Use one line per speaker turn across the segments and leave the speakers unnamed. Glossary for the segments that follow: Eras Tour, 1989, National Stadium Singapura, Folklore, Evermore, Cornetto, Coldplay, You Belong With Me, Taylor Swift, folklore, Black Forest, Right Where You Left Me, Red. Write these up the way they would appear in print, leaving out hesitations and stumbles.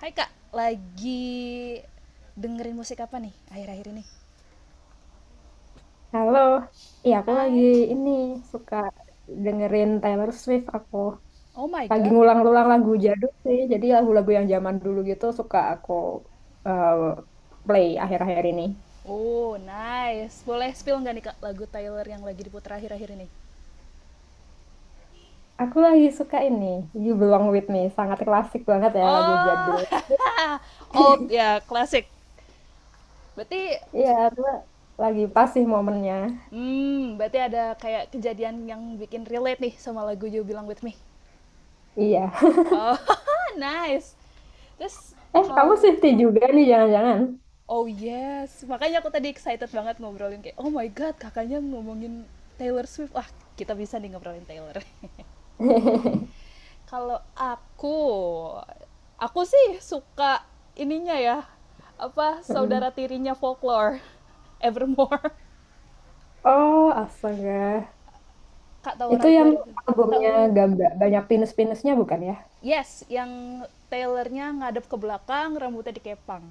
Hai Kak, lagi dengerin musik apa nih akhir-akhir ini?
Halo, iya aku lagi
Hai.
ini suka dengerin Taylor Swift aku.
Oh my
Lagi
god.
ngulang-ulang lagu jadul sih, jadi lagu-lagu yang zaman dulu gitu suka aku eh, play akhir-akhir ini.
Oh, nice. Boleh spill nggak nih Kak lagu Tyler yang lagi diputar akhir-akhir ini?
Aku lagi suka ini, You Belong With Me, sangat klasik banget ya lagu
Oh.
jadul.
Oh, ya, klasik. Berarti
Iya, cuma lagi pas sih momennya.
berarti ada kayak kejadian yang bikin relate nih sama lagu You Belong With Me.
Iya.
Oh, nice. Terus
Eh, kamu
kalau.
Swiftie juga nih jangan-jangan.
Oh yes, makanya aku tadi excited banget ngobrolin kayak, "Oh my god, Kakaknya ngomongin Taylor Swift. Wah, kita bisa nih ngobrolin Taylor." Kalau aku sih suka ininya ya, apa,
Mm.
saudara tirinya Folklore, Evermore.
Oh, astaga.
Kak tahu
Itu
Right
yang
Where,
albumnya
tahu.
gambar banyak pinus-pinusnya bukan ya?
Yes, yang Taylornya ngadep ke belakang, rambutnya dikepang.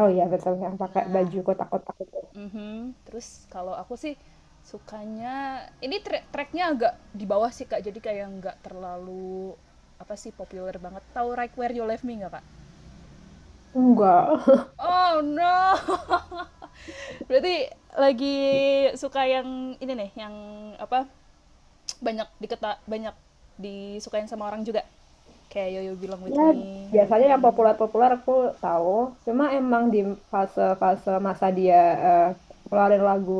Oh iya betul yang pakai
Nah,
baju kotak-kotak itu.
mhm, terus kalau aku sih sukanya ini trek treknya agak di bawah sih Kak, jadi kayak nggak terlalu apa sih populer banget. Tahu Right Where You Left Me nggak Kak?
Enggak.
Oh no, berarti lagi suka yang ini nih, yang apa banyak disukain sama orang juga. Kayak Yo You Belong With
Ya
Me.
biasanya yang populer-populer aku tahu. Cuma emang di fase-fase masa dia eh, keluarin lagu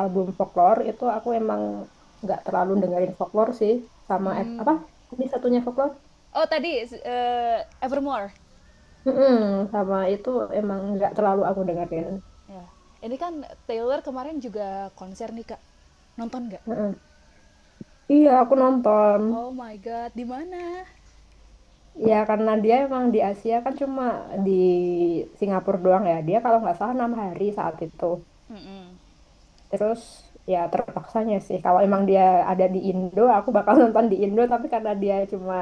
album folklore itu aku emang nggak terlalu dengerin folklore sih sama
Hmm.
apa tadi satunya folklore?
Oh tadi, Evermore.
Mm-mm, sama itu emang nggak terlalu aku dengerin.
Ya. Ini kan Taylor kemarin juga konser nih Kak. Nonton nggak?
Mm-mm. Iya aku nonton.
Oh my god, di mana?
Ya karena dia emang di Asia kan cuma di Singapura doang ya. Dia kalau nggak salah 6 hari saat itu.
Mm-mm.
Terus ya terpaksanya sih. Kalau emang dia ada di Indo, aku bakal nonton di Indo. Tapi karena dia cuma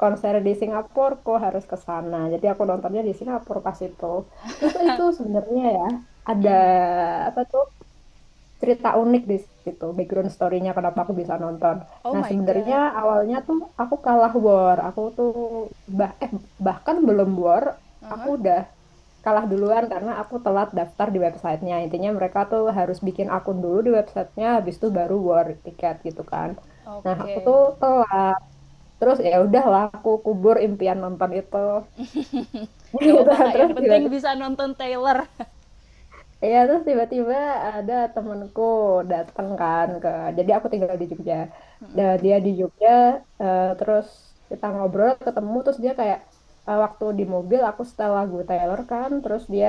konser di Singapura, kok harus ke sana. Jadi aku nontonnya di Singapura pas itu. Terus itu sebenarnya ya ada
Mm.
apa tuh cerita unik di situ. Background story-nya kenapa aku bisa nonton.
Oh
Nah
my
sebenarnya
god.
awalnya tuh aku kalah war. Aku tuh bah eh bahkan belum war. Aku
Aha.
udah kalah duluan karena aku telat daftar di websitenya. Intinya mereka tuh harus bikin akun dulu di websitenya, habis itu baru war tiket gitu kan. Nah aku tuh
Oke.
telat, terus ya udahlah aku kubur impian nonton itu.
Gak
Gitu.
apa-apa Kak,
Terus
yang penting
tiba-tiba
bisa nonton Taylor.
Iya, terus tiba-tiba ada temenku datang kan jadi aku tinggal di Jogja. Dan
Mm-mm.
dia di Jogja, terus kita ngobrol, ketemu, terus dia kayak, waktu di mobil aku setel lagu Taylor kan, terus dia,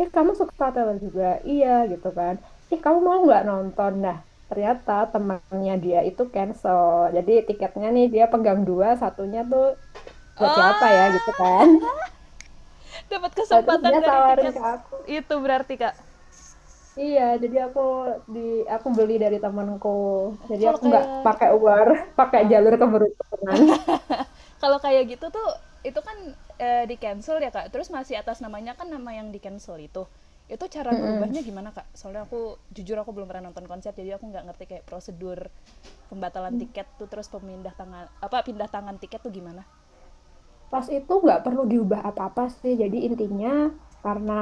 eh kamu suka Taylor juga? Iya gitu kan. Ih kamu mau nggak nonton? Nah ternyata temannya dia itu cancel, jadi tiketnya nih dia pegang dua, satunya tuh buat siapa ya gitu kan.
Oh, dapat
Nah, terus
kesempatan
dia
dari
tawarin
tiket
ke aku.
itu berarti Kak.
Iya, jadi di aku beli dari temanku. Jadi
Kalau
aku nggak
kayak
pakai Uber, pakai
ah,
jalur keberuntungan.
kalau kayak gitu tuh itu kan, di cancel ya kak. Terus masih atas namanya kan nama yang di cancel itu. Itu cara
Mm-mm.
ngerubahnya gimana kak? Soalnya aku jujur aku belum pernah nonton konser jadi aku nggak ngerti kayak prosedur pembatalan tiket tuh, terus pemindah tangan apa pindah tangan tiket tuh gimana?
Pas itu nggak perlu diubah apa-apa sih. Jadi intinya karena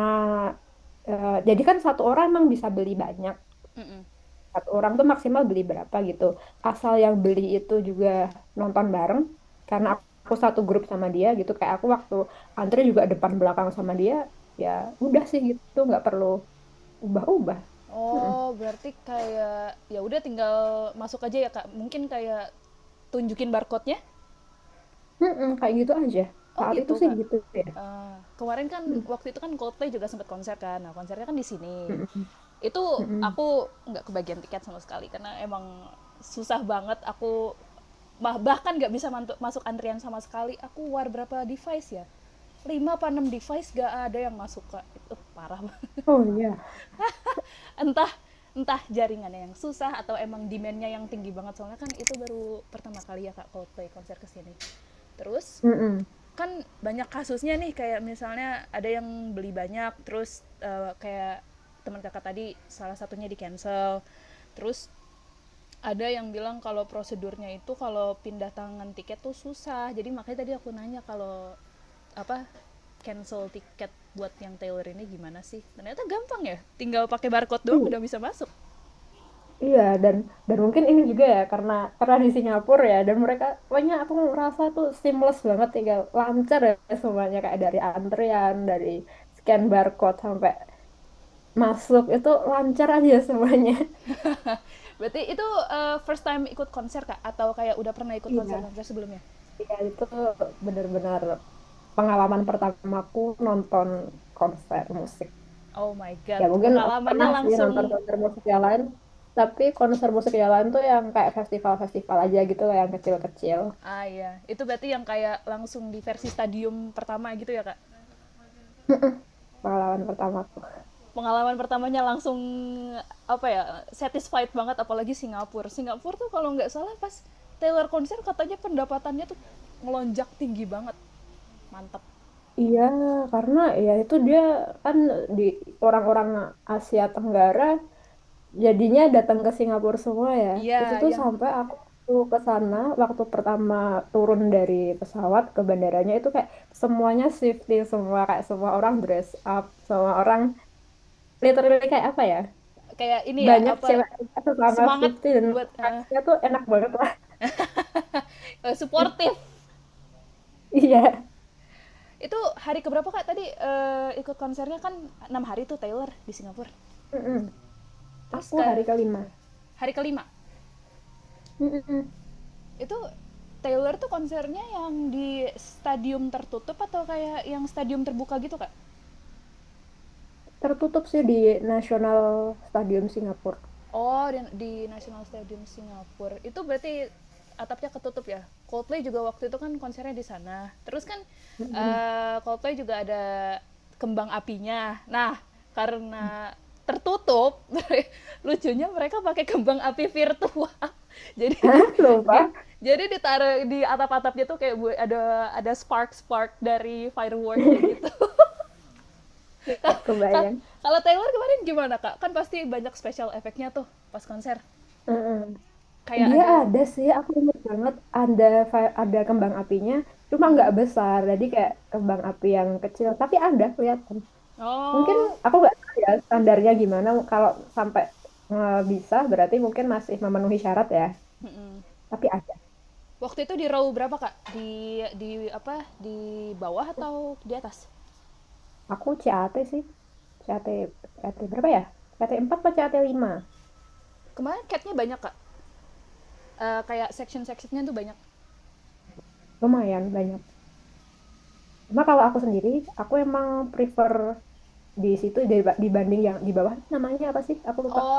jadi kan satu orang emang bisa beli banyak.
Mm-mm.
Satu orang tuh maksimal beli berapa gitu. Asal yang beli itu juga nonton bareng. Karena
Mhm.
aku satu grup sama dia gitu. Kayak aku waktu antri juga depan belakang sama dia. Ya udah sih gitu, nggak perlu ubah-ubah.
Oh berarti kayak ya udah tinggal masuk aja ya kak. Mungkin kayak tunjukin barcode-nya.
Mm-mm, kayak gitu aja.
Oh
Saat itu
gitu,
sih
Kak.
gitu ya.
Eee, kemarin kan
Mm,
waktu itu kan Coldplay juga sempat konser kan, nah konsernya kan di sini.
mm-mm,
Itu
mm-mm.
aku nggak kebagian tiket sama sekali karena emang susah banget, aku bahkan nggak bisa mantu masuk antrian sama sekali. Aku war berapa device ya? Lima, apa 6 device nggak ada yang masuk, Kak. Itu parah banget.
Oh iya.
Entah entah jaringannya yang susah atau emang demand-nya yang tinggi banget, soalnya kan itu baru pertama kali ya Kak Coldplay konser ke sini. Terus
Mm-mm.
kan banyak kasusnya nih kayak misalnya ada yang beli banyak terus, kayak teman kakak tadi salah satunya di cancel, terus ada yang bilang kalau prosedurnya itu kalau pindah tangan tiket tuh susah, jadi makanya tadi aku nanya kalau apa cancel tiket buat yang Taylor ini gimana sih, ternyata gampang ya tinggal pakai barcode doang udah
Iya,
bisa masuk.
iya dan mungkin ini juga ya karena di Singapura ya dan mereka banyak, aku ngerasa tuh seamless banget, tinggal lancar ya semuanya, kayak dari antrian, dari scan barcode sampai masuk itu lancar aja semuanya.
Berarti itu first time ikut konser kak atau kayak udah pernah ikut konser
Iya,
konser sebelumnya?
iya itu benar-benar pengalaman pertamaku nonton konser musik.
Oh my
Ya
god,
mungkin aku
pengalamannya
pernah sih nonton
langsung.
konser musik yang lain, tapi konser musik yang lain tuh yang kayak festival-festival aja gitu loh, yang kecil-kecil.
Ah iya, itu berarti yang kayak langsung di versi stadium pertama gitu ya kak?
Pengalaman pertamaku.
Pengalaman pertamanya langsung apa ya, satisfied banget, apalagi Singapura. Singapura tuh kalau nggak salah pas Taylor konser katanya pendapatannya tuh melonjak tinggi banget, mantap.
Iya, karena ya itu dia kan di orang-orang Asia Tenggara jadinya datang ke Singapura semua ya. Itu
Iya,
tuh
yang
sampai aku tuh ke sana waktu pertama turun dari pesawat ke bandaranya itu kayak semuanya shifting semua, kayak semua orang dress up, semua orang literally kayak apa ya?
kayak ini ya
Banyak
apa,
cewek sesama
semangat
Swiftie dan
buat
vibes-nya tuh enak banget lah.
suportif.
Iya.
Itu hari keberapa kak tadi ikut konsernya, kan 6 hari tuh Taylor di Singapura.
Mm-mm.
Terus
Aku
ke
hari kelima.
hari ke-5
Mm-mm.
itu Taylor tuh konsernya yang di stadium tertutup atau kayak yang stadium terbuka gitu kak?
Tertutup sih di National Stadium Singapura.
Oh, di National Stadium Singapura. Itu berarti atapnya ketutup ya? Coldplay juga waktu itu kan konsernya di sana. Terus kan,
Mm-mm.
Coldplay juga ada kembang apinya. Nah, karena tertutup, lucunya mereka pakai kembang api virtual. Jadi
Hah?
di
Lupa?
jadi ditaruh di atap-atapnya tuh kayak ada spark-spark dari fireworknya gitu.
Nggak
Ka-
kebayang.
Kalau Taylor kemarin gimana kak? Kan pasti banyak special efeknya tuh pas konser
Mm-mm.
kayak
Dia
ada.
ada sih, aku ingat banget ada ada kembang apinya, cuma nggak
Mm-mm.
besar, jadi kayak kembang api yang kecil, tapi ada, kelihatan. Mungkin
Oh.
aku nggak tahu ya standarnya gimana, kalau sampai bisa berarti mungkin masih memenuhi syarat ya.
Mm-mm.
Tapi ada.
Waktu itu di row berapa kak, di apa di bawah atau di atas?
Aku CAT sih. CAT, CAT berapa ya? CAT 4 atau CAT 5.
Kemarin catnya banyak kak. Kayak section sectionnya tuh banyak.
Lumayan banyak. Cuma kalau aku sendiri, aku emang prefer di situ, dibanding yang di bawah namanya apa sih? Aku lupa.
Oh,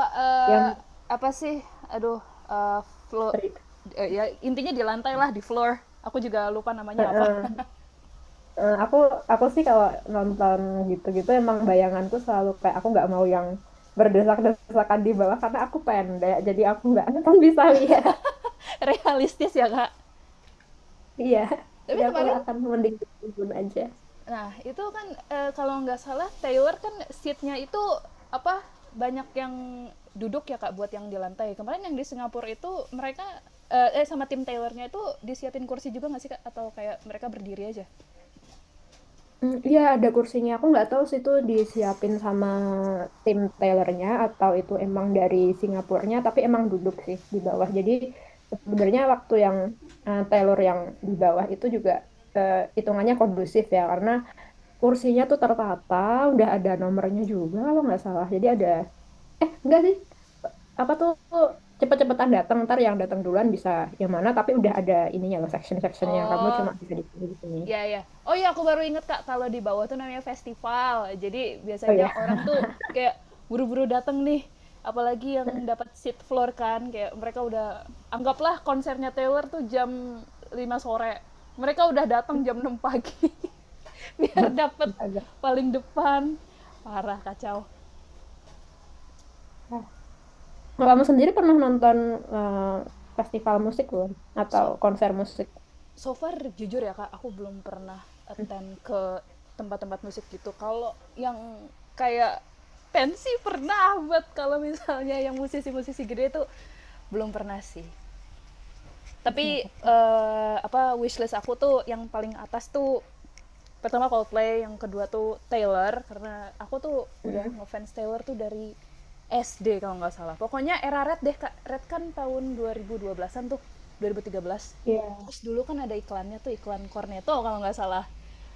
Yang
apa sih? Aduh, eh, flo-
tri-
Ya intinya di lantai lah di floor, aku juga lupa
eh,
namanya apa.
eh, eh, aku sih kalau nonton gitu-gitu emang bayanganku selalu kayak aku nggak mau yang berdesak-desakan di bawah karena aku pendek jadi aku nggak akan bisa lihat.
Realistis ya kak,
Iya,
tapi
jadi aku
kemarin.
akan mending di tribun aja.
Nah, itu kan, kalau nggak salah Taylor kan seatnya itu apa banyak yang duduk ya kak buat yang di lantai. Kemarin yang di Singapura itu mereka sama tim Taylornya itu disiapin kursi juga nggak sih kak atau kayak mereka berdiri aja?
Mm, iya ada kursinya. Aku nggak tahu sih itu disiapin sama tim tailornya atau itu emang dari Singapurnya, tapi emang duduk sih di bawah. Jadi sebenarnya waktu yang tailor yang di bawah itu juga hitungannya kondusif ya, karena kursinya tuh tertata, udah ada nomornya juga kalau nggak salah. Jadi ada, eh enggak sih, apa tuh cepet-cepetan datang, ntar yang datang duluan bisa yang mana, tapi udah ada ininya loh section-sectionnya. Kamu
Oh,
cuma bisa di sini di sini.
ya, ya. Oh iya aku baru inget Kak, kalau di bawah tuh namanya festival. Jadi
Oh
biasanya
ya.
orang tuh kayak buru-buru datang nih, apalagi yang dapat seat floor kan, kayak mereka udah anggaplah konsernya Taylor tuh jam 5 sore. Mereka udah datang jam 6 pagi biar dapat
Agak.
paling depan. Parah kacau.
Nah, kamu sendiri pernah nonton eh, festival musik belum? Atau
So,
konser musik?
so far jujur ya kak aku belum pernah
Hmm.
attend ke tempat-tempat musik gitu, kalau yang kayak pensi pernah, buat kalau misalnya yang musisi-musisi gede itu belum pernah sih,
Itu
tapi
apa?
apa wishlist aku tuh yang paling atas tuh pertama Coldplay yang kedua tuh Taylor, karena aku tuh udah
Hmm.
ngefans Taylor tuh dari SD kalau nggak salah pokoknya era Red deh. Red kan tahun 2012an tuh 2013,
Iya.
terus dulu kan ada iklannya tuh iklan Cornetto kalau nggak salah.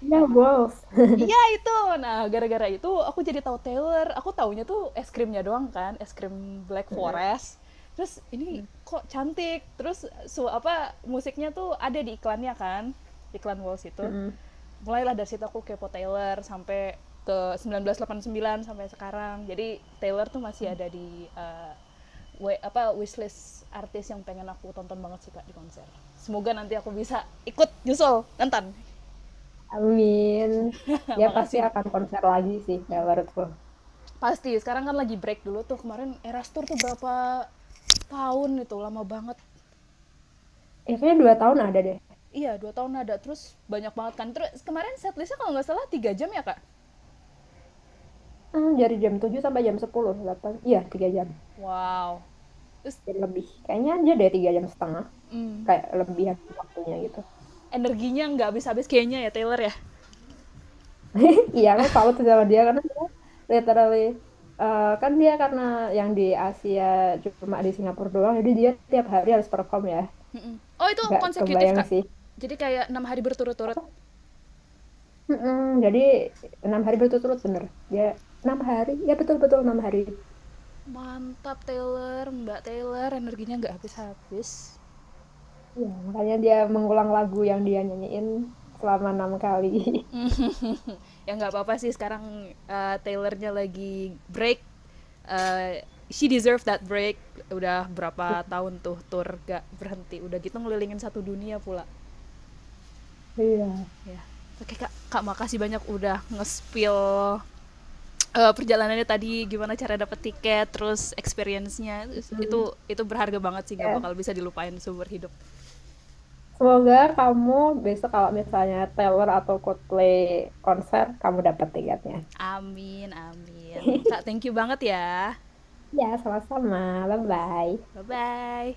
Iya, Wolf.
Iya itu. Nah, gara-gara itu aku jadi tahu Taylor. Aku taunya tuh es krimnya doang kan, es krim Black
Mm-mm.
Forest. Terus ini kok cantik. Terus apa musiknya tuh ada di iklannya kan, iklan Walls itu.
Mm-mm.
Mulailah dari situ aku kepo Taylor sampai ke 1989 sampai sekarang, jadi Taylor tuh masih ada di apa wishlist artis yang pengen aku tonton banget sih kak di konser, semoga nanti aku bisa ikut nyusul nonton.
Amin. Dia pasti
Makasih.
akan konser lagi sih, Taylor Swift.
Pasti sekarang kan lagi break dulu tuh, kemarin Eras Tour tuh berapa tahun, itu lama banget,
Eh, kayaknya 2 tahun ada deh.
iya 2 tahun ada, terus banyak banget kan, terus kemarin setlistnya kalau nggak salah 3 jam ya kak.
Hmm, dari jam 7 sampai jam 10 8. Iya, 3 jam.
Wow. Terus
Jadi lebih. Kayaknya dia deh 3,5 jam. Kayak lebihan waktunya gitu.
energinya nggak habis-habis kayaknya ya Taylor ya.
Iya, aku salut sama dia karena dia literally kan dia karena yang di Asia cuma di Singapura doang, jadi dia tiap hari harus perform ya.
Mm. Oh itu
Gak
konsekutif
kebayang
kak.
sih.
Jadi kayak 6 hari berturut-turut.
Apa? Mm-mm, jadi 6 hari berturut-turut bener. Dia 6 hari, ya betul-betul 6 hari.
Mantap Taylor, Mbak Taylor, energinya nggak habis-habis.
Iya, makanya dia mengulang lagu yang dia nyanyiin selama 6 kali.
Ya nggak apa-apa sih sekarang, Taylornya lagi break. Eh, she deserve that break. Udah berapa tahun tuh tour gak berhenti. Udah gitu ngelilingin satu dunia pula.
Iya.
Ya. Oke Kak, makasih banyak udah nge-spill perjalanannya tadi gimana cara dapet tiket, terus experience-nya itu
Mm.
itu berharga banget sih nggak bakal
Ya.
bisa dilupain seumur hidup.
Semoga kamu besok kalau misalnya Taylor atau Coldplay konser, kamu dapat tiketnya.
Amin amin. Kak, thank you banget ya.
Ya, sama-sama. Bye-bye.
Bye-bye.